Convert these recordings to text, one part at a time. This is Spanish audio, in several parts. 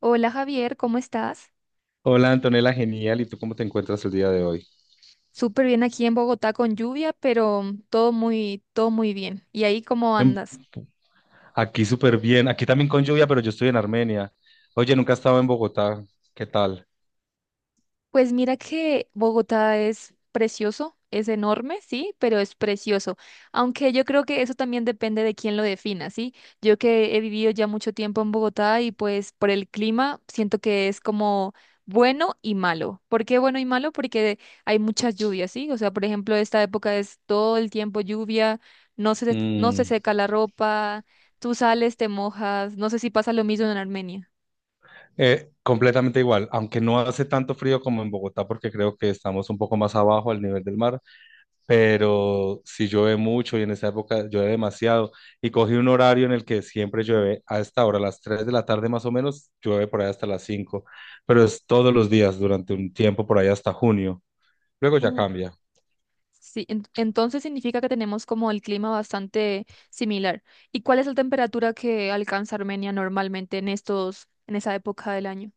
Hola Javier, ¿cómo estás? Hola Antonella, genial. ¿Y tú cómo te encuentras el día de hoy? Súper bien aquí en Bogotá con lluvia, pero todo muy bien. ¿Y ahí cómo En- andas? Aquí súper bien. Aquí también con lluvia, pero yo estoy en Armenia. Oye, nunca he estado en Bogotá. ¿Qué tal? Pues mira que Bogotá es precioso, es enorme, sí, pero es precioso. Aunque yo creo que eso también depende de quién lo defina, ¿sí? Yo que he vivido ya mucho tiempo en Bogotá y pues por el clima siento que es como bueno y malo. ¿Por qué bueno y malo? Porque hay muchas lluvias, ¿sí? O sea, por ejemplo, esta época es todo el tiempo lluvia, no se Mm, seca la ropa, tú sales, te mojas, no sé si pasa lo mismo en Armenia. Completamente igual, aunque no hace tanto frío como en Bogotá, porque creo que estamos un poco más abajo al nivel del mar, pero si llueve mucho y en esa época llueve demasiado. Y cogí un horario en el que siempre llueve a esta hora, a las 3 de la tarde más o menos, llueve por ahí hasta las 5, pero es todos los días durante un tiempo por ahí hasta junio. Luego ya cambia. Sí, entonces significa que tenemos como el clima bastante similar. ¿Y cuál es la temperatura que alcanza Armenia normalmente en esa época del año?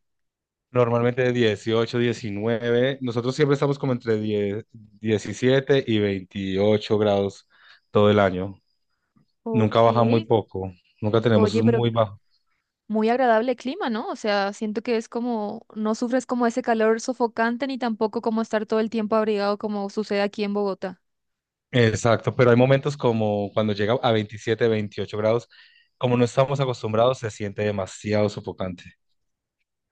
Normalmente de 18, 19. Nosotros siempre estamos como entre 10, 17 y 28 grados todo el año. Nunca Ok. baja muy poco. Nunca tenemos es Oye, pero muy bajo. muy agradable clima, ¿no? O sea, siento que es como, no sufres como ese calor sofocante ni tampoco como estar todo el tiempo abrigado como sucede aquí en Bogotá. Exacto, pero hay momentos como cuando llega a 27, 28 grados, como no estamos acostumbrados, se siente demasiado sofocante.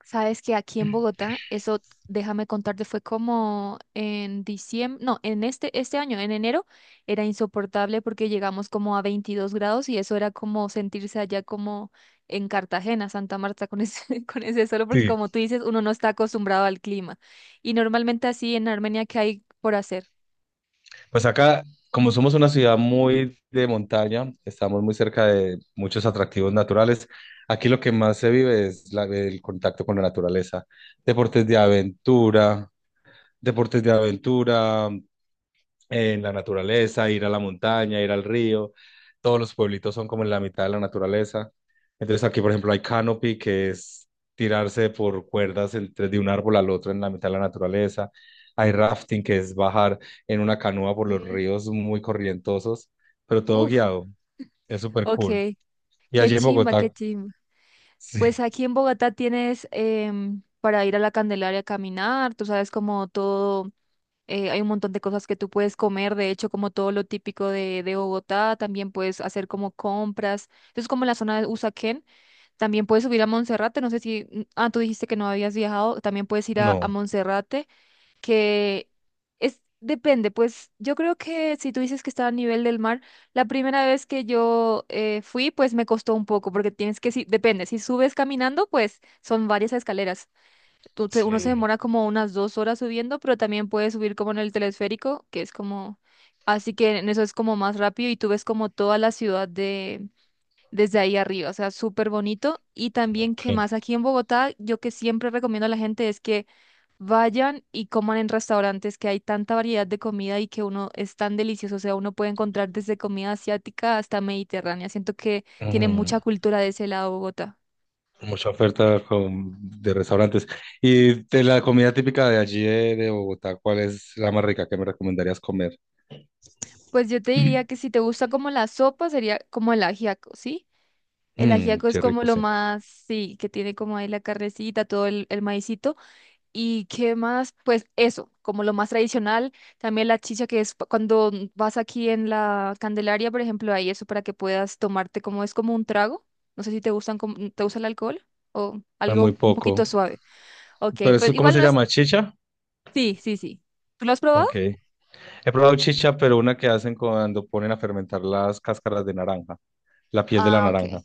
Sabes que aquí en Bogotá, eso, déjame contarte, fue como en diciembre, no, en este año, en enero, era insoportable porque llegamos como a 22 grados y eso era como sentirse allá como en Cartagena, Santa Marta, con ese, con ese solo porque Sí. como tú dices, uno no está acostumbrado al clima. Y normalmente así en Armenia, ¿qué hay por hacer? Pues acá, como somos una ciudad muy de montaña, estamos muy cerca de muchos atractivos naturales. Aquí lo que más se vive es el contacto con la naturaleza. Deportes de aventura, deportes de aventura, en la naturaleza, ir a la montaña, ir al río. Todos los pueblitos son como en la mitad de la naturaleza. Entonces aquí, por ejemplo, hay canopy, que es tirarse por cuerdas entre de un árbol al otro en la mitad de la naturaleza. Hay rafting, que es bajar en una canoa por los Ok. ríos muy corrientosos, pero todo Uf, guiado. Es súper ok, cool. Y qué allí en chimba, qué Bogotá, chimba. sí, Pues aquí en Bogotá tienes para ir a la Candelaria a caminar, tú sabes como todo hay un montón de cosas que tú puedes comer, de hecho, como todo lo típico de Bogotá, también puedes hacer como compras. Entonces, como en la zona de Usaquén, también puedes subir a Monserrate, no sé si, tú dijiste que no habías viajado, también puedes ir a no, Monserrate, que es, depende, pues yo creo que si tú dices que está a nivel del mar, la primera vez que yo fui, pues me costó un poco, porque tienes que, si, depende, si subes caminando, pues son varias escaleras tú te- uno se sí, demora como unas 2 horas subiendo, pero también puedes subir como en el telesférico, que es como, así que en eso es como más rápido y tú ves como toda la ciudad de desde ahí arriba, o sea, súper bonito. Y también que ok. más aquí en Bogotá, yo que siempre recomiendo a la gente es que vayan y coman en restaurantes, que hay tanta variedad de comida y que uno es tan delicioso, o sea, uno puede encontrar desde comida asiática hasta mediterránea. Siento que tiene mucha Mm. cultura de ese lado Bogotá. Mucha oferta de restaurantes. Y de la comida típica de allí de Bogotá, ¿cuál es la más rica que me recomendarías comer? Pues yo te diría que si te gusta como la sopa, sería como el ajiaco, ¿sí? El Mmm, ajiaco es qué como rico, lo sí. más, sí, que tiene como ahí la carnecita, todo el maicito. ¿Y qué más? Pues eso, como lo más tradicional. También la chicha, que es cuando vas aquí en la Candelaria, por ejemplo, hay eso para que puedas tomarte como es como un trago. No sé si te gustan, te gusta el alcohol o Es muy algo un poco. poquito suave. Ok, Pero pues eso, ¿cómo igual se no es. llama? ¿Chicha? Sí, sí, sí. ¿Tú lo has probado? Ok. He probado chicha, pero una que hacen cuando ponen a fermentar las cáscaras de naranja, la piel de la Ah, ok. naranja.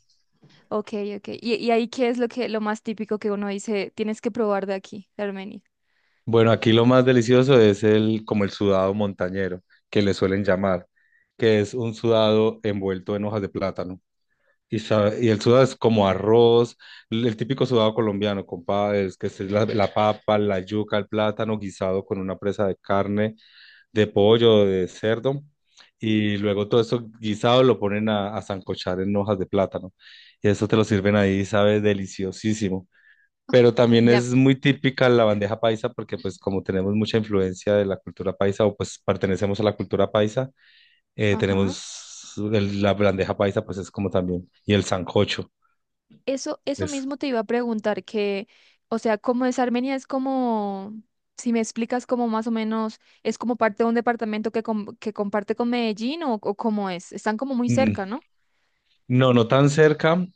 Ok, ok. Y ahí qué es lo que lo más típico que uno dice, tienes que probar de aquí, de Armenia? Bueno, aquí lo más delicioso es el, como el sudado montañero, que le suelen llamar, que es un sudado envuelto en hojas de plátano. Y el sudado es como arroz, el típico sudado colombiano, compadre, es que es la papa, la yuca, el plátano guisado con una presa de carne, de pollo, de cerdo, y luego todo eso guisado lo ponen a sancochar en hojas de plátano. Y eso te lo sirven ahí, sabe, deliciosísimo. Pero también Ya. es muy típica la bandeja paisa porque pues como tenemos mucha influencia de la cultura paisa o pues pertenecemos a la cultura paisa, Ajá. tenemos la bandeja paisa pues es como también, y el sancocho. Eso Es, mismo te iba a preguntar que, o sea, ¿cómo es Armenia? Es como, si me explicas como más o menos, es como parte de un departamento que, que comparte con Medellín o cómo es. Están como muy mm, cerca, ¿no? no, no tan cerca,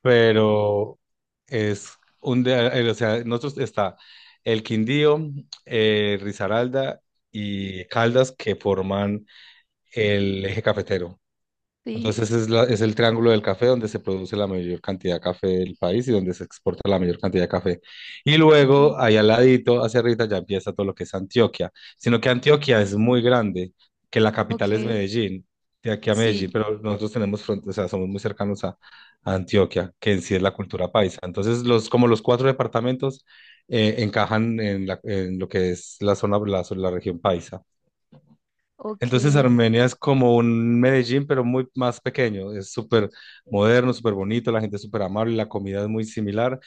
pero es o sea, nosotros está el Quindío, Risaralda y Caldas que forman el eje cafetero. Sí. Entonces es el triángulo del café donde se produce la mayor cantidad de café del país y donde se exporta la mayor cantidad de café. Y Ok. luego, ahí al ladito, hacia arriba, ya empieza todo lo que es Antioquia. Sino que Antioquia es muy grande, que la capital es Ok. Medellín, de aquí a Medellín, Sí. pero nosotros tenemos fronteras, o sea, somos muy cercanos a Antioquia, que en sí es la cultura paisa. Entonces, como los cuatro departamentos encajan en lo que es la zona, la región paisa. Ok. Entonces Armenia es como un Medellín, pero muy más pequeño. Es súper moderno, súper bonito, la gente es súper amable, la comida es muy similar,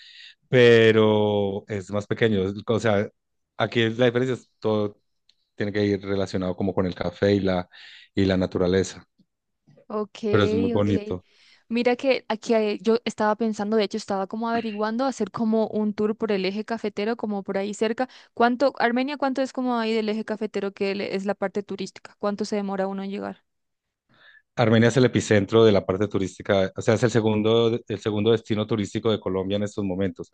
pero es más pequeño. O sea, aquí la diferencia es todo tiene que ir relacionado como con el café y la naturaleza, Ok, pero es muy ok. bonito. Mira que aquí hay- yo estaba pensando, de hecho estaba como averiguando hacer como un tour por el eje cafetero, como por ahí cerca. ¿Cuánto, Armenia, cuánto es como ahí del eje cafetero que es la parte turística? ¿Cuánto se demora uno en llegar? Armenia es el epicentro de la parte turística, o sea, es el segundo destino turístico de Colombia en estos momentos.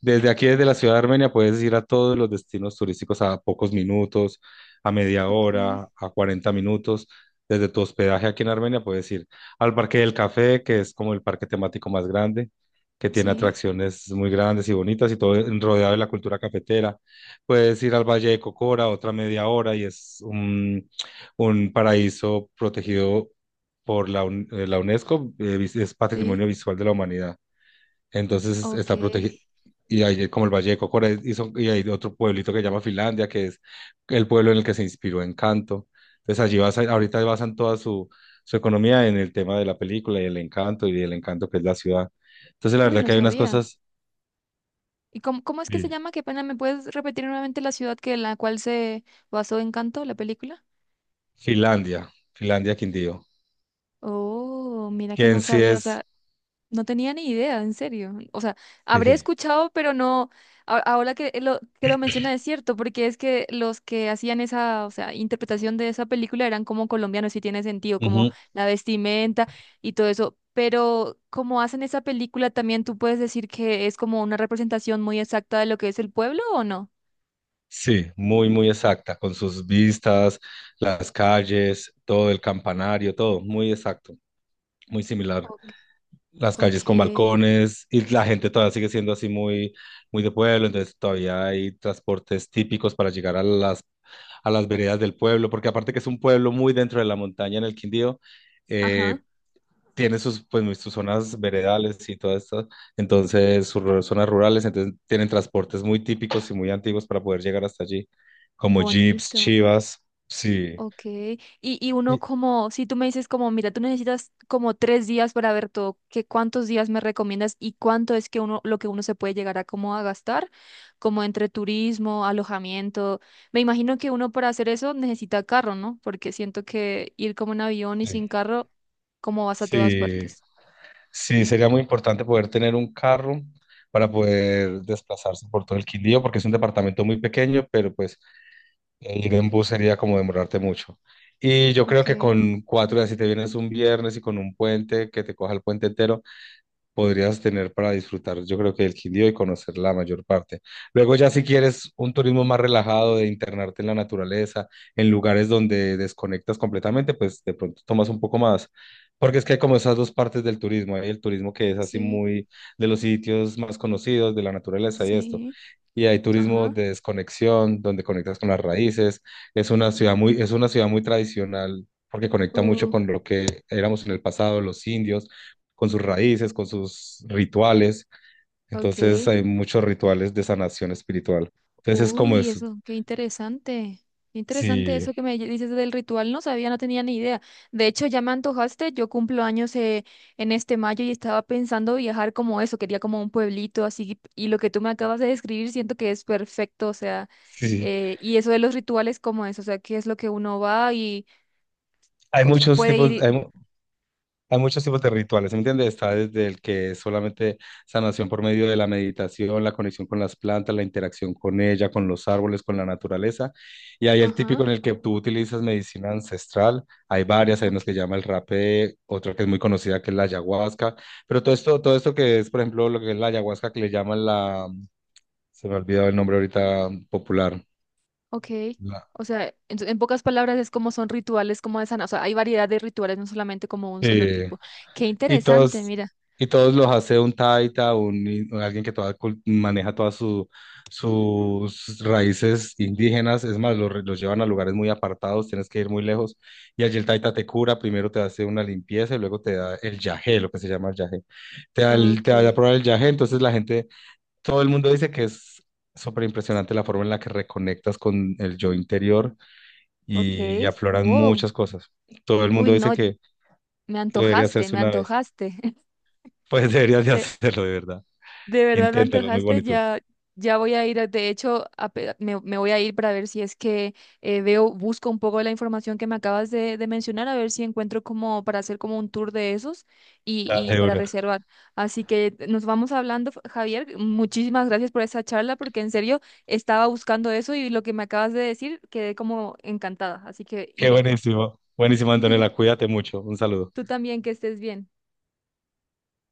Desde aquí, desde la ciudad de Armenia, puedes ir a todos los destinos turísticos a pocos minutos, a media Ok. hora, a 40 minutos. Desde tu hospedaje aquí en Armenia puedes ir al Parque del Café, que es como el parque temático más grande, que tiene Sí, atracciones muy grandes y bonitas y todo rodeado de la cultura cafetera. Puedes ir al Valle de Cocora, otra media hora, y es un paraíso protegido por la UNESCO, es sí. Patrimonio Visual de la Humanidad. Entonces Ok. está protegido. Y ahí, como el Valle de Cocora, y hay otro pueblito que se llama Finlandia, que es el pueblo en el que se inspiró Encanto. Entonces allí basan toda su, su economía en el tema de la película y el encanto que es la ciudad. Entonces la Uy, verdad no que hay unas sabía. cosas, ¿Y cómo, cómo es que se sí. llama? Qué pena, ¿me puedes repetir nuevamente la ciudad que en la cual se basó Encanto, la película? Finlandia, Finlandia Quindío, Oh, mira que que no en sí sabía, o es, sea, no tenía ni idea, en serio. O sea, habré sí, escuchado, pero no, ahora que lo, menciona es cierto, porque es que los que hacían esa, o sea, interpretación de esa película eran como colombianos, sí tiene sentido, como ujú, la vestimenta y todo eso. Pero como hacen esa película, también tú puedes decir que es como una representación muy exacta de lo que es el pueblo, ¿o no? sí, muy, muy exacta, con sus vistas, las calles, todo el campanario, todo, muy exacto, muy similar. Ok. Las Ok. calles con balcones y la gente todavía sigue siendo así muy, muy de pueblo, entonces todavía hay transportes típicos para llegar a las veredas del pueblo, porque aparte que es un pueblo muy dentro de la montaña en el Quindío, Ajá. eh, tiene sus, pues, sus zonas veredales y todo esto, entonces sus zonas rurales, entonces tienen transportes muy típicos y muy antiguos para poder llegar hasta allí, como jeeps, Bonito. chivas, sí. Ok, y uno Y- como, si tú me dices como, mira, tú necesitas como 3 días para ver todo, ¿qué cuántos días me recomiendas y cuánto es que uno, lo que uno se puede llegar a como a gastar, como entre turismo, alojamiento? Me imagino que uno para hacer eso necesita carro, ¿no? Porque siento que ir como en avión y sin Sí, carro, cómo vas a todas sí, partes. sí, sería muy importante poder tener un carro para poder desplazarse por todo el Quindío, porque es un departamento muy pequeño, pero pues ir en bus sería como demorarte mucho. Y yo creo Ok, que con 4 días, si te vienes un viernes y con un puente, que te coja el puente entero, podrías tener para disfrutar, yo creo que el Quindío y conocer la mayor parte. Luego ya si quieres un turismo más relajado, de internarte en la naturaleza, en lugares donde desconectas completamente, pues de pronto tomas un poco más. Porque es que hay como esas dos partes del turismo, hay el turismo que es así sí, muy de los sitios más conocidos, de la naturaleza y esto sí, y hay turismo ajá, de desconexión, donde conectas con las raíces. Es una ciudad muy, es una ciudad muy tradicional porque conecta mucho uh, con lo que éramos en el pasado, los indios, con sus raíces, con sus rituales. Entonces ok. hay muchos rituales de sanación espiritual. Entonces es como Uy, es, eso, qué interesante. Qué interesante sí, eso que me dices del ritual. No sabía, no tenía ni idea. De hecho, ya me antojaste. Yo cumplo años en este mayo y estaba pensando viajar como eso. Quería como un pueblito así. Y lo que tú me acabas de describir siento que es perfecto. O sea, sí, sí. Y eso de los rituales, como es? O sea, ¿qué es lo que uno va y Hay muchos puede ir? tipos, hay, Hay muchos tipos de rituales, ¿sí? ¿Me entiendes? Está desde el que es solamente sanación por medio de la meditación, la conexión con las plantas, la interacción con ella, con los árboles, con la naturaleza. Y hay el Ajá, típico en el que tú utilizas medicina ancestral. Hay varias, hay ok, unos que llama el rapé, otra que es muy conocida que es la ayahuasca. Pero todo esto que es, por ejemplo, lo que es la ayahuasca que le llaman la, se me ha olvidado el nombre ahorita popular. ok. La, O sea, en pocas palabras es como son rituales como de sana. O sea, hay variedad de rituales, no solamente como un solo sí. tipo. Qué Y interesante, todos, mira. y todos los hace un taita, alguien que maneja todas sus raíces indígenas. Es más, los llevan a lugares muy apartados, tienes que ir muy lejos. Y allí el taita te cura, primero te hace una limpieza y luego te da el yagé, lo que se llama el yagé. Te da a Okay, probar el yagé, entonces la gente, todo el mundo dice que es súper impresionante la forma en la que reconectas con el yo interior y okay, afloran wow. muchas cosas. Todo el Uy, mundo no, dice que, me que debería antojaste, hacerse me una vez. antojaste. Pues deberías de De, hacerlo, de verdad. de verdad me Inténtalo, muy antojaste, bonito. ya, ya voy a ir. De hecho, me voy a ir para ver si es que veo, busco un poco de la información que me acabas de mencionar, a ver si encuentro como para hacer como un tour de esos Dale, y para seguro. reservar. Así que nos vamos hablando, Javier. Muchísimas gracias por esa charla, porque en serio estaba buscando eso y lo que me acabas de decir quedé como encantada. Así que Qué iré. buenísimo. Buenísimo, Antonella. Cuídate mucho. Un saludo. Tú también, que estés bien.